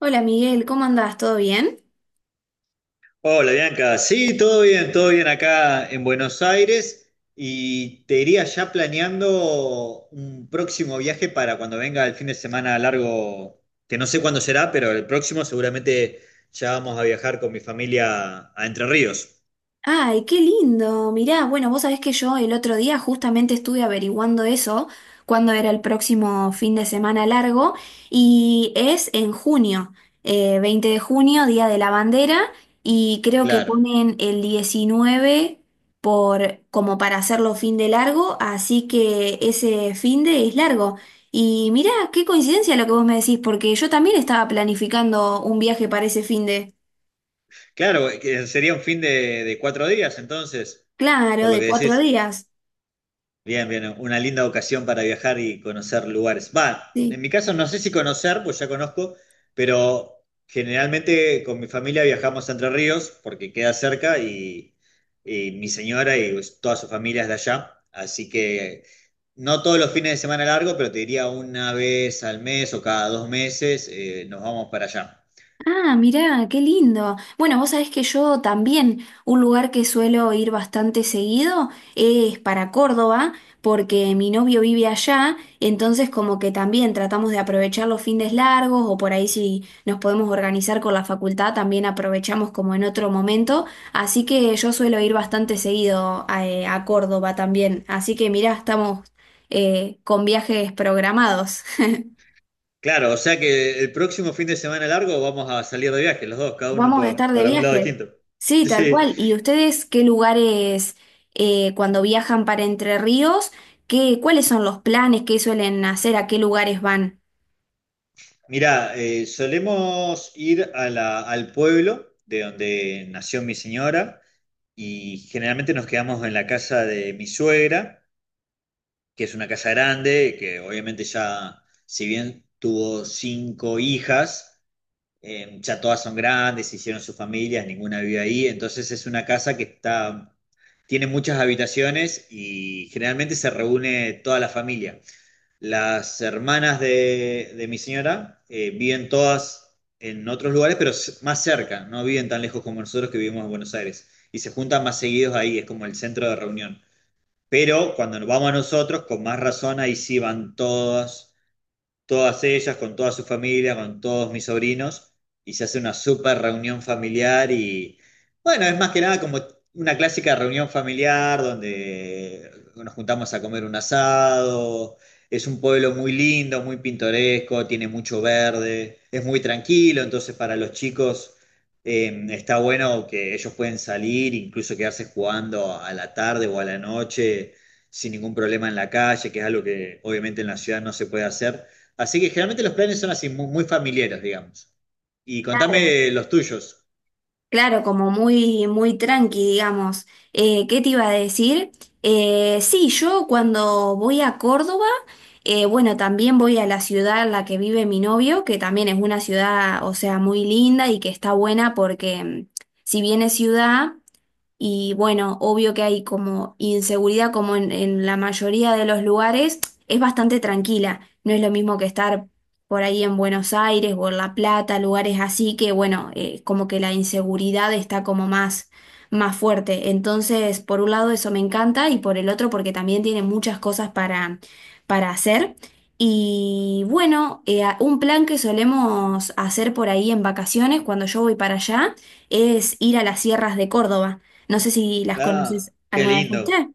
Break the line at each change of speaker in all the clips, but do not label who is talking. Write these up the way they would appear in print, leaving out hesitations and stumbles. Hola Miguel, ¿cómo andás? ¿Todo bien?
Hola Bianca, sí, todo bien acá en Buenos Aires y te iría ya planeando un próximo viaje para cuando venga el fin de semana largo, que no sé cuándo será, pero el próximo seguramente ya vamos a viajar con mi familia a Entre Ríos.
Ay, qué lindo. Mirá, bueno, vos sabés que yo el otro día justamente estuve averiguando eso, cuándo era el próximo fin de semana largo, y es en junio, 20 de junio, Día de la Bandera, y creo que
Claro,
ponen el 19 como para hacerlo fin de largo, así que ese fin de es largo. Y mirá, qué coincidencia lo que vos me decís, porque yo también estaba planificando un viaje para ese fin de...
claro, que sería un fin de 4 días entonces,
Claro,
por lo
de
que
cuatro
decís.
días.
Bien, bien, una linda ocasión para viajar y conocer lugares. Va, en
Sí.
mi caso no sé si conocer, pues ya conozco, pero generalmente con mi familia viajamos a Entre Ríos porque queda cerca y mi señora y pues, toda su familia es de allá. Así que no todos los fines de semana largo, pero te diría una vez al mes o cada 2 meses nos vamos para allá.
Ah, mirá, qué lindo. Bueno, vos sabés que yo también, un lugar que suelo ir bastante seguido es para Córdoba, porque mi novio vive allá, entonces como que también tratamos de aprovechar los fines largos o por ahí si nos podemos organizar con la facultad, también aprovechamos como en otro momento. Así que yo suelo ir bastante seguido a Córdoba también. Así que mirá, estamos con viajes programados.
Claro, o sea que el próximo fin de semana largo vamos a salir de viaje, los dos, cada uno
Vamos a estar de
para un lado
viaje.
distinto.
Sí, tal
Sí.
cual. ¿Y ustedes qué lugares cuando viajan para Entre Ríos, cuáles son los planes que suelen hacer, a qué lugares van?
Mirá, solemos ir a al pueblo de donde nació mi señora y generalmente nos quedamos en la casa de mi suegra, que es una casa grande, que obviamente ya, si bien tuvo cinco hijas, ya todas son grandes, hicieron sus familias, ninguna vive ahí, entonces es una casa que está, tiene muchas habitaciones y generalmente se reúne toda la familia. Las hermanas de mi señora viven todas en otros lugares, pero más cerca, no viven tan lejos como nosotros que vivimos en Buenos Aires. Y se juntan más seguidos ahí, es como el centro de reunión. Pero cuando nos vamos a nosotros, con más razón, ahí sí van todas todas ellas, con toda su familia, con todos mis sobrinos, y se hace una super reunión familiar y bueno, es más que nada como una clásica reunión familiar donde nos juntamos a comer un asado, es un pueblo muy lindo, muy pintoresco, tiene mucho verde, es muy tranquilo, entonces para los chicos está bueno que ellos pueden salir, incluso quedarse jugando a la tarde o a la noche sin ningún problema en la calle, que es algo que obviamente en la ciudad no se puede hacer. Así que generalmente los planes son así, muy, muy familiares, digamos. Y
Claro.
contame los tuyos.
Claro, como muy, muy tranqui, digamos. ¿Qué te iba a decir? Sí, yo cuando voy a Córdoba, bueno, también voy a la ciudad en la que vive mi novio, que también es una ciudad, o sea, muy linda y que está buena porque si bien es ciudad. Y bueno, obvio que hay como inseguridad, como en la mayoría de los lugares, es bastante tranquila. No es lo mismo que estar por ahí en Buenos Aires o en La Plata, lugares así que, bueno, como que la inseguridad está como más, más fuerte. Entonces, por un lado eso me encanta y por el otro porque también tiene muchas cosas para hacer. Y bueno, un plan que solemos hacer por ahí en vacaciones cuando yo voy para allá es ir a las sierras de Córdoba. No sé si las
Ah,
conoces
qué
alguna vez
lindo.
usted.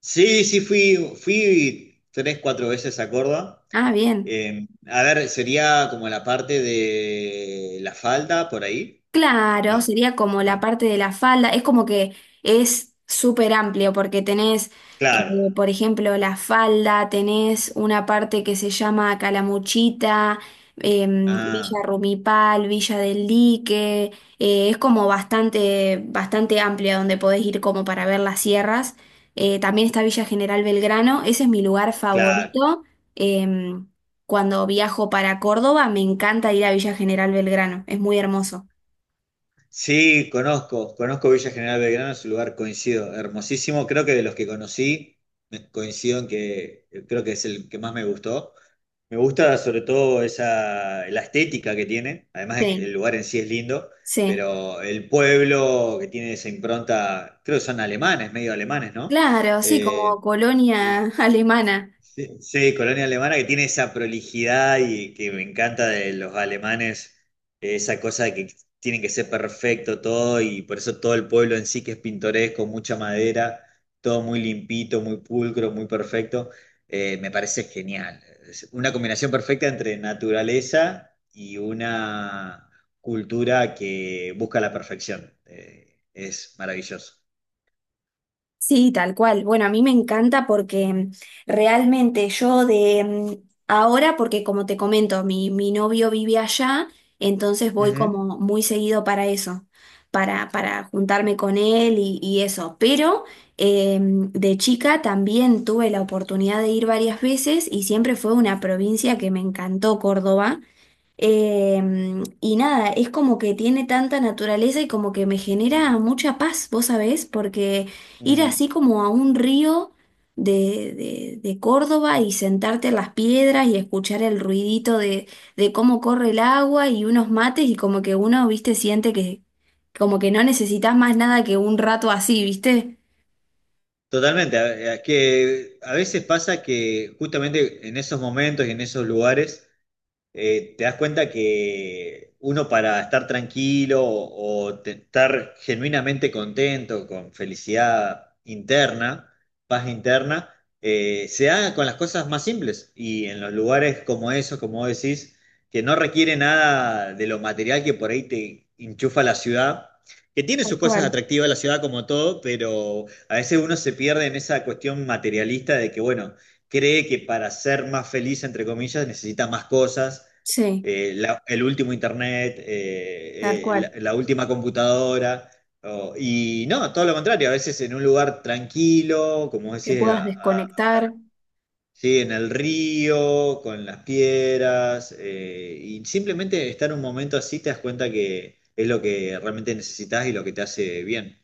Sí, sí, fui tres, cuatro veces a Córdoba.
Ah, bien.
A ver, sería como la parte de la falda por ahí.
Claro,
No,
sería como la
ah,
parte de la falda, es como que es súper amplio porque tenés, eh,
claro.
por ejemplo, la falda, tenés una parte que se llama Calamuchita,
Ah,
Villa Rumipal, Villa del Lique, es como bastante, bastante amplia donde podés ir como para ver las sierras. También está Villa General Belgrano, ese es mi lugar
claro.
favorito. em, cuando viajo para Córdoba, me encanta ir a Villa General Belgrano, es muy hermoso.
Sí, conozco Villa General Belgrano, es un lugar coincido, hermosísimo. Creo que de los que conocí, coincido en que creo que es el que más me gustó. Me gusta sobre todo esa, la estética que tiene, además de que
Sí,
el lugar en sí es lindo,
sí,
pero el pueblo que tiene esa impronta, creo que son alemanes, medio alemanes, ¿no?
claro, sí,
Eh,
como colonia alemana.
Sí, sí, colonia alemana que tiene esa prolijidad y que me encanta de los alemanes, esa cosa de que tienen que ser perfecto todo y por eso todo el pueblo en sí que es pintoresco, mucha madera, todo muy limpito, muy pulcro, muy perfecto, me parece genial. Es una combinación perfecta entre naturaleza y una cultura que busca la perfección. Es maravilloso.
Sí, tal cual. Bueno, a mí me encanta porque realmente yo de ahora, porque como te comento, mi novio vive allá, entonces voy
Ujú.
como muy seguido para eso, para juntarme con él y eso. Pero de chica también tuve la oportunidad de ir varias veces y siempre fue una provincia que me encantó, Córdoba. Y nada, es como que tiene tanta naturaleza y como que me genera mucha paz, vos sabés, porque ir
Mm.
así como a un río de, de Córdoba y sentarte en las piedras y escuchar el ruidito de cómo corre el agua y unos mates y como que uno, viste, siente que como que no necesitas más nada que un rato así, ¿viste?
Totalmente, a que a veces pasa que justamente en esos momentos y en esos lugares te das cuenta que uno para estar tranquilo o estar genuinamente contento, con felicidad interna, paz interna, se haga con las cosas más simples y en los lugares como esos, como vos decís, que no requiere nada de lo material que por ahí te enchufa la ciudad, que tiene
Tal
sus cosas
cual.
atractivas la ciudad como todo, pero a veces uno se pierde en esa cuestión materialista de que, bueno, cree que para ser más feliz, entre comillas, necesita más cosas.
Sí,
El último internet,
tal
eh, eh, la,
cual.
la última computadora. Y no, todo lo contrario, a veces en un lugar tranquilo, como
Que
decía,
puedas desconectar.
sí, en el río, con las piedras, y simplemente estar un momento así te das cuenta que es lo que realmente necesitas y lo que te hace bien.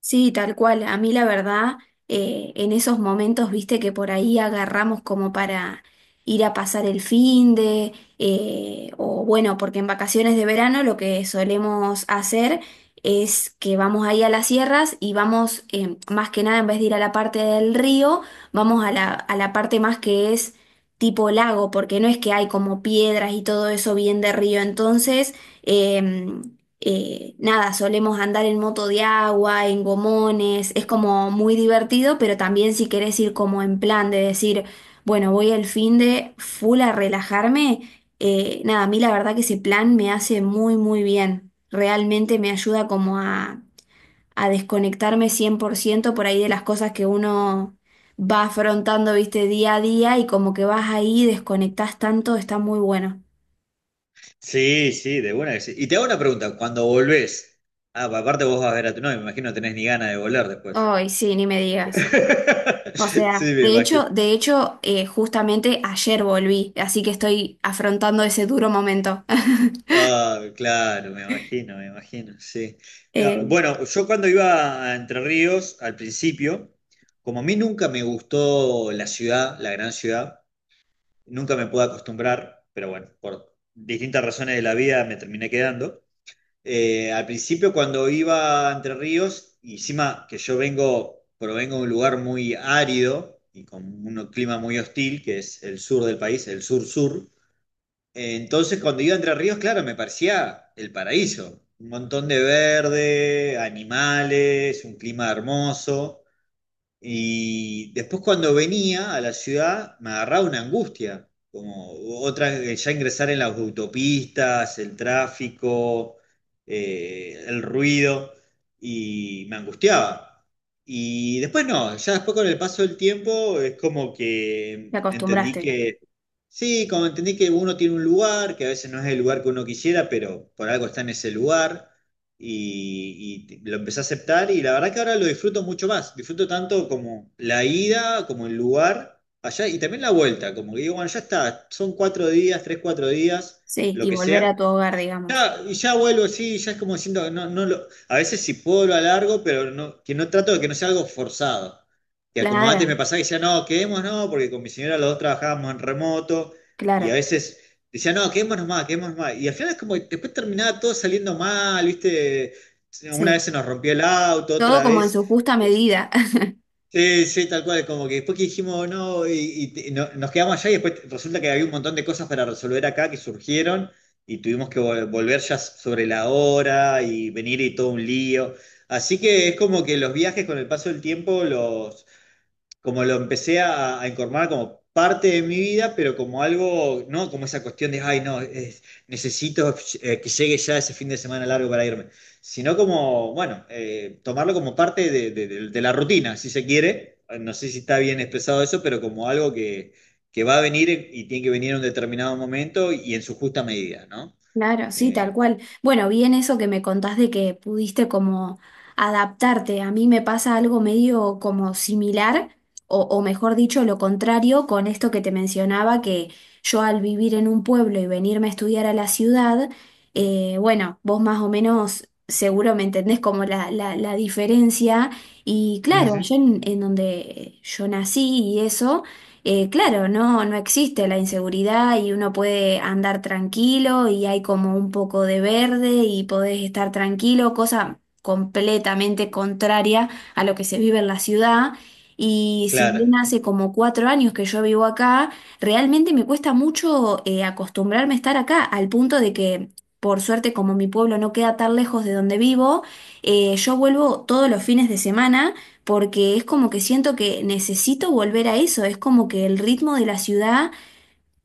Sí, tal cual. A mí la verdad, en esos momentos, viste que por ahí agarramos como para ir a pasar el fin de, o bueno, porque en vacaciones de verano lo que solemos hacer es que vamos ahí a las sierras y vamos, más que nada, en vez de ir a la parte del río, vamos a la parte más que es tipo lago, porque no es que hay como piedras y todo eso bien de río. Entonces, em, nada, solemos andar en moto de agua, en gomones, es como muy divertido, pero también si querés ir como en plan de decir, bueno, voy el fin de full a relajarme, nada, a mí la verdad que ese plan me hace muy, muy bien, realmente me ayuda como a desconectarme 100% por ciento por ahí de las cosas que uno... va afrontando, viste, día a día y como que vas ahí, desconectás tanto, está muy bueno.
Sí, sí, de buena que sí. Y te hago una pregunta, cuando volvés, aparte vos vas a ver a tu novia, me imagino no tenés ni ganas de volver después.
Ay, sí, ni me digas. O
Sí,
sea,
me
de
imagino.
hecho, de hecho, justamente ayer volví, así que estoy afrontando ese duro momento.
Ah, claro, me imagino, sí. No,
Eh,
bueno, yo cuando iba a Entre Ríos, al principio, como a mí nunca me gustó la ciudad, la gran ciudad, nunca me pude acostumbrar, pero bueno, por distintas razones de la vida me terminé quedando. Al principio cuando iba a Entre Ríos, y encima que yo vengo, provengo de un lugar muy árido y con un clima muy hostil, que es el sur del país, el sur-sur, entonces cuando iba a Entre Ríos, claro, me parecía el paraíso, un montón de verde, animales, un clima hermoso. Y después cuando venía a la ciudad me agarraba una angustia, como otra, ya ingresar en las autopistas, el tráfico, el ruido, y me angustiaba. Y después no, ya después con el paso del tiempo es como que
te
entendí
acostumbraste,
que, sí, como entendí que uno tiene un lugar, que a veces no es el lugar que uno quisiera, pero por algo está en ese lugar y lo empecé a aceptar y la verdad que ahora lo disfruto mucho más. Disfruto tanto como la ida, como el lugar allá y también la vuelta, como que digo, bueno, ya está, son 4 días, tres, 4 días,
sí,
lo
y
que
volver
sea.
a tu hogar, digamos.
Y ya vuelvo, así ya es como diciendo que no, no lo, a veces si puedo lo alargo, pero no, que no trato de que no sea algo forzado. Que como antes
Claro,
me pasaba que decía, no, quedemos, no, porque con mi señora los dos trabajábamos en remoto y a
claro,
veces decía, no, quedémonos más, quedémonos más. Y al final es como que después terminaba todo saliendo mal, ¿viste? Una vez
sí.
se nos rompió el auto,
Todo
otra
como en su
vez.
justa medida.
Sí, sí, tal cual. Como que después que dijimos, no, nos quedamos allá y después resulta que había un montón de cosas para resolver acá que surgieron y tuvimos que volver ya sobre la hora y venir y todo un lío. Así que es como que los viajes con el paso del tiempo los como lo empecé a incorporar como parte de mi vida, pero como algo, no como esa cuestión de, ay, no, necesito que llegue ya ese fin de semana largo para irme, sino como, bueno, tomarlo como parte de, de la rutina, si se quiere. No sé si está bien expresado eso, pero como algo que va a venir y tiene que venir en un determinado momento y en su justa medida, ¿no?
Claro, sí, tal
Eh,
cual. Bueno, bien eso que me contás de que pudiste como adaptarte. A mí me pasa algo medio como similar, o mejor dicho, lo contrario, con esto que te mencionaba, que yo al vivir en un pueblo y venirme a estudiar a la ciudad, bueno, vos más o menos seguro me entendés como la diferencia. Y claro, yo
Ujú,
en donde yo nací y eso claro, no existe la inseguridad y uno puede andar tranquilo y hay como un poco de verde y podés estar tranquilo, cosa completamente contraria a lo que se vive en la ciudad. Y si bien
claro.
hace como 4 años que yo vivo acá, realmente me cuesta mucho acostumbrarme a estar acá, al punto de que, por suerte, como mi pueblo no queda tan lejos de donde vivo, yo vuelvo todos los fines de semana porque es como que siento que necesito volver a eso, es como que el ritmo de la ciudad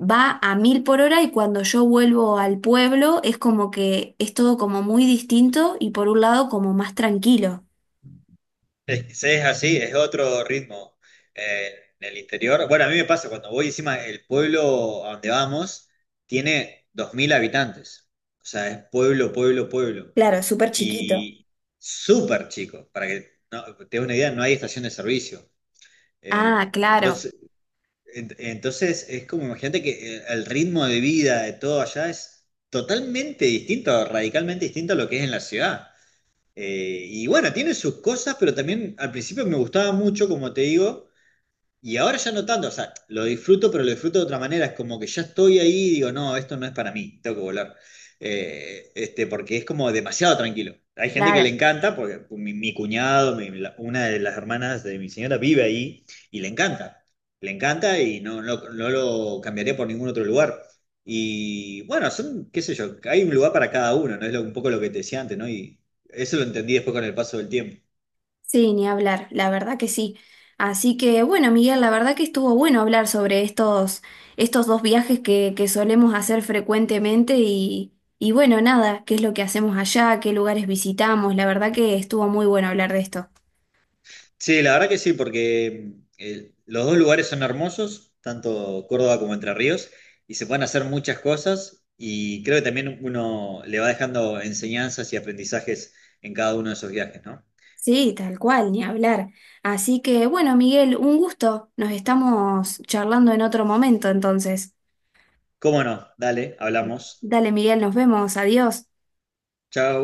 va a mil por hora y cuando yo vuelvo al pueblo es como que es todo como muy distinto y por un lado como más tranquilo.
Es, sí, es así, es otro ritmo eh, en el interior. Bueno, a mí me pasa cuando voy encima, el pueblo a donde vamos tiene 2.000 habitantes. O sea, es pueblo, pueblo, pueblo.
Claro, súper chiquito.
Y súper chico, para que no, te des una idea, no hay estación de servicio.
Ah,
Eh,
claro,
entonces, entonces, es como, imagínate que el ritmo de vida de todo allá es totalmente distinto, radicalmente distinto a lo que es en la ciudad. Y bueno, tiene sus cosas, pero también al principio me gustaba mucho, como te digo, y ahora ya no tanto, o sea, lo disfruto, pero lo disfruto de otra manera. Es como que ya estoy ahí y digo, no, esto no es para mí, tengo que volar. Este, porque es como demasiado tranquilo. Hay gente que le
claro.
encanta, porque mi cuñado, una de las hermanas de mi señora vive ahí y le encanta. Le encanta y no, no, no lo cambiaría por ningún otro lugar. Y bueno, son, qué sé yo, hay un lugar para cada uno, ¿no? Es un poco lo que te decía antes, ¿no? Y eso lo entendí después con el paso del tiempo.
Sí, ni hablar, la verdad que sí. Así que bueno, Miguel, la verdad que estuvo bueno hablar sobre estos dos viajes que solemos hacer frecuentemente y bueno, nada, qué es lo que hacemos allá, qué lugares visitamos, la verdad que estuvo muy bueno hablar de esto.
Sí, la verdad que sí, porque los dos lugares son hermosos, tanto Córdoba como Entre Ríos, y se pueden hacer muchas cosas, y creo que también uno le va dejando enseñanzas y aprendizajes en cada uno de esos viajes, ¿no?
Sí, tal cual, ni hablar. Así que bueno, Miguel, un gusto. Nos estamos charlando en otro momento, entonces.
¿Cómo no? Dale, hablamos.
Dale, Miguel, nos vemos, adiós.
Chao.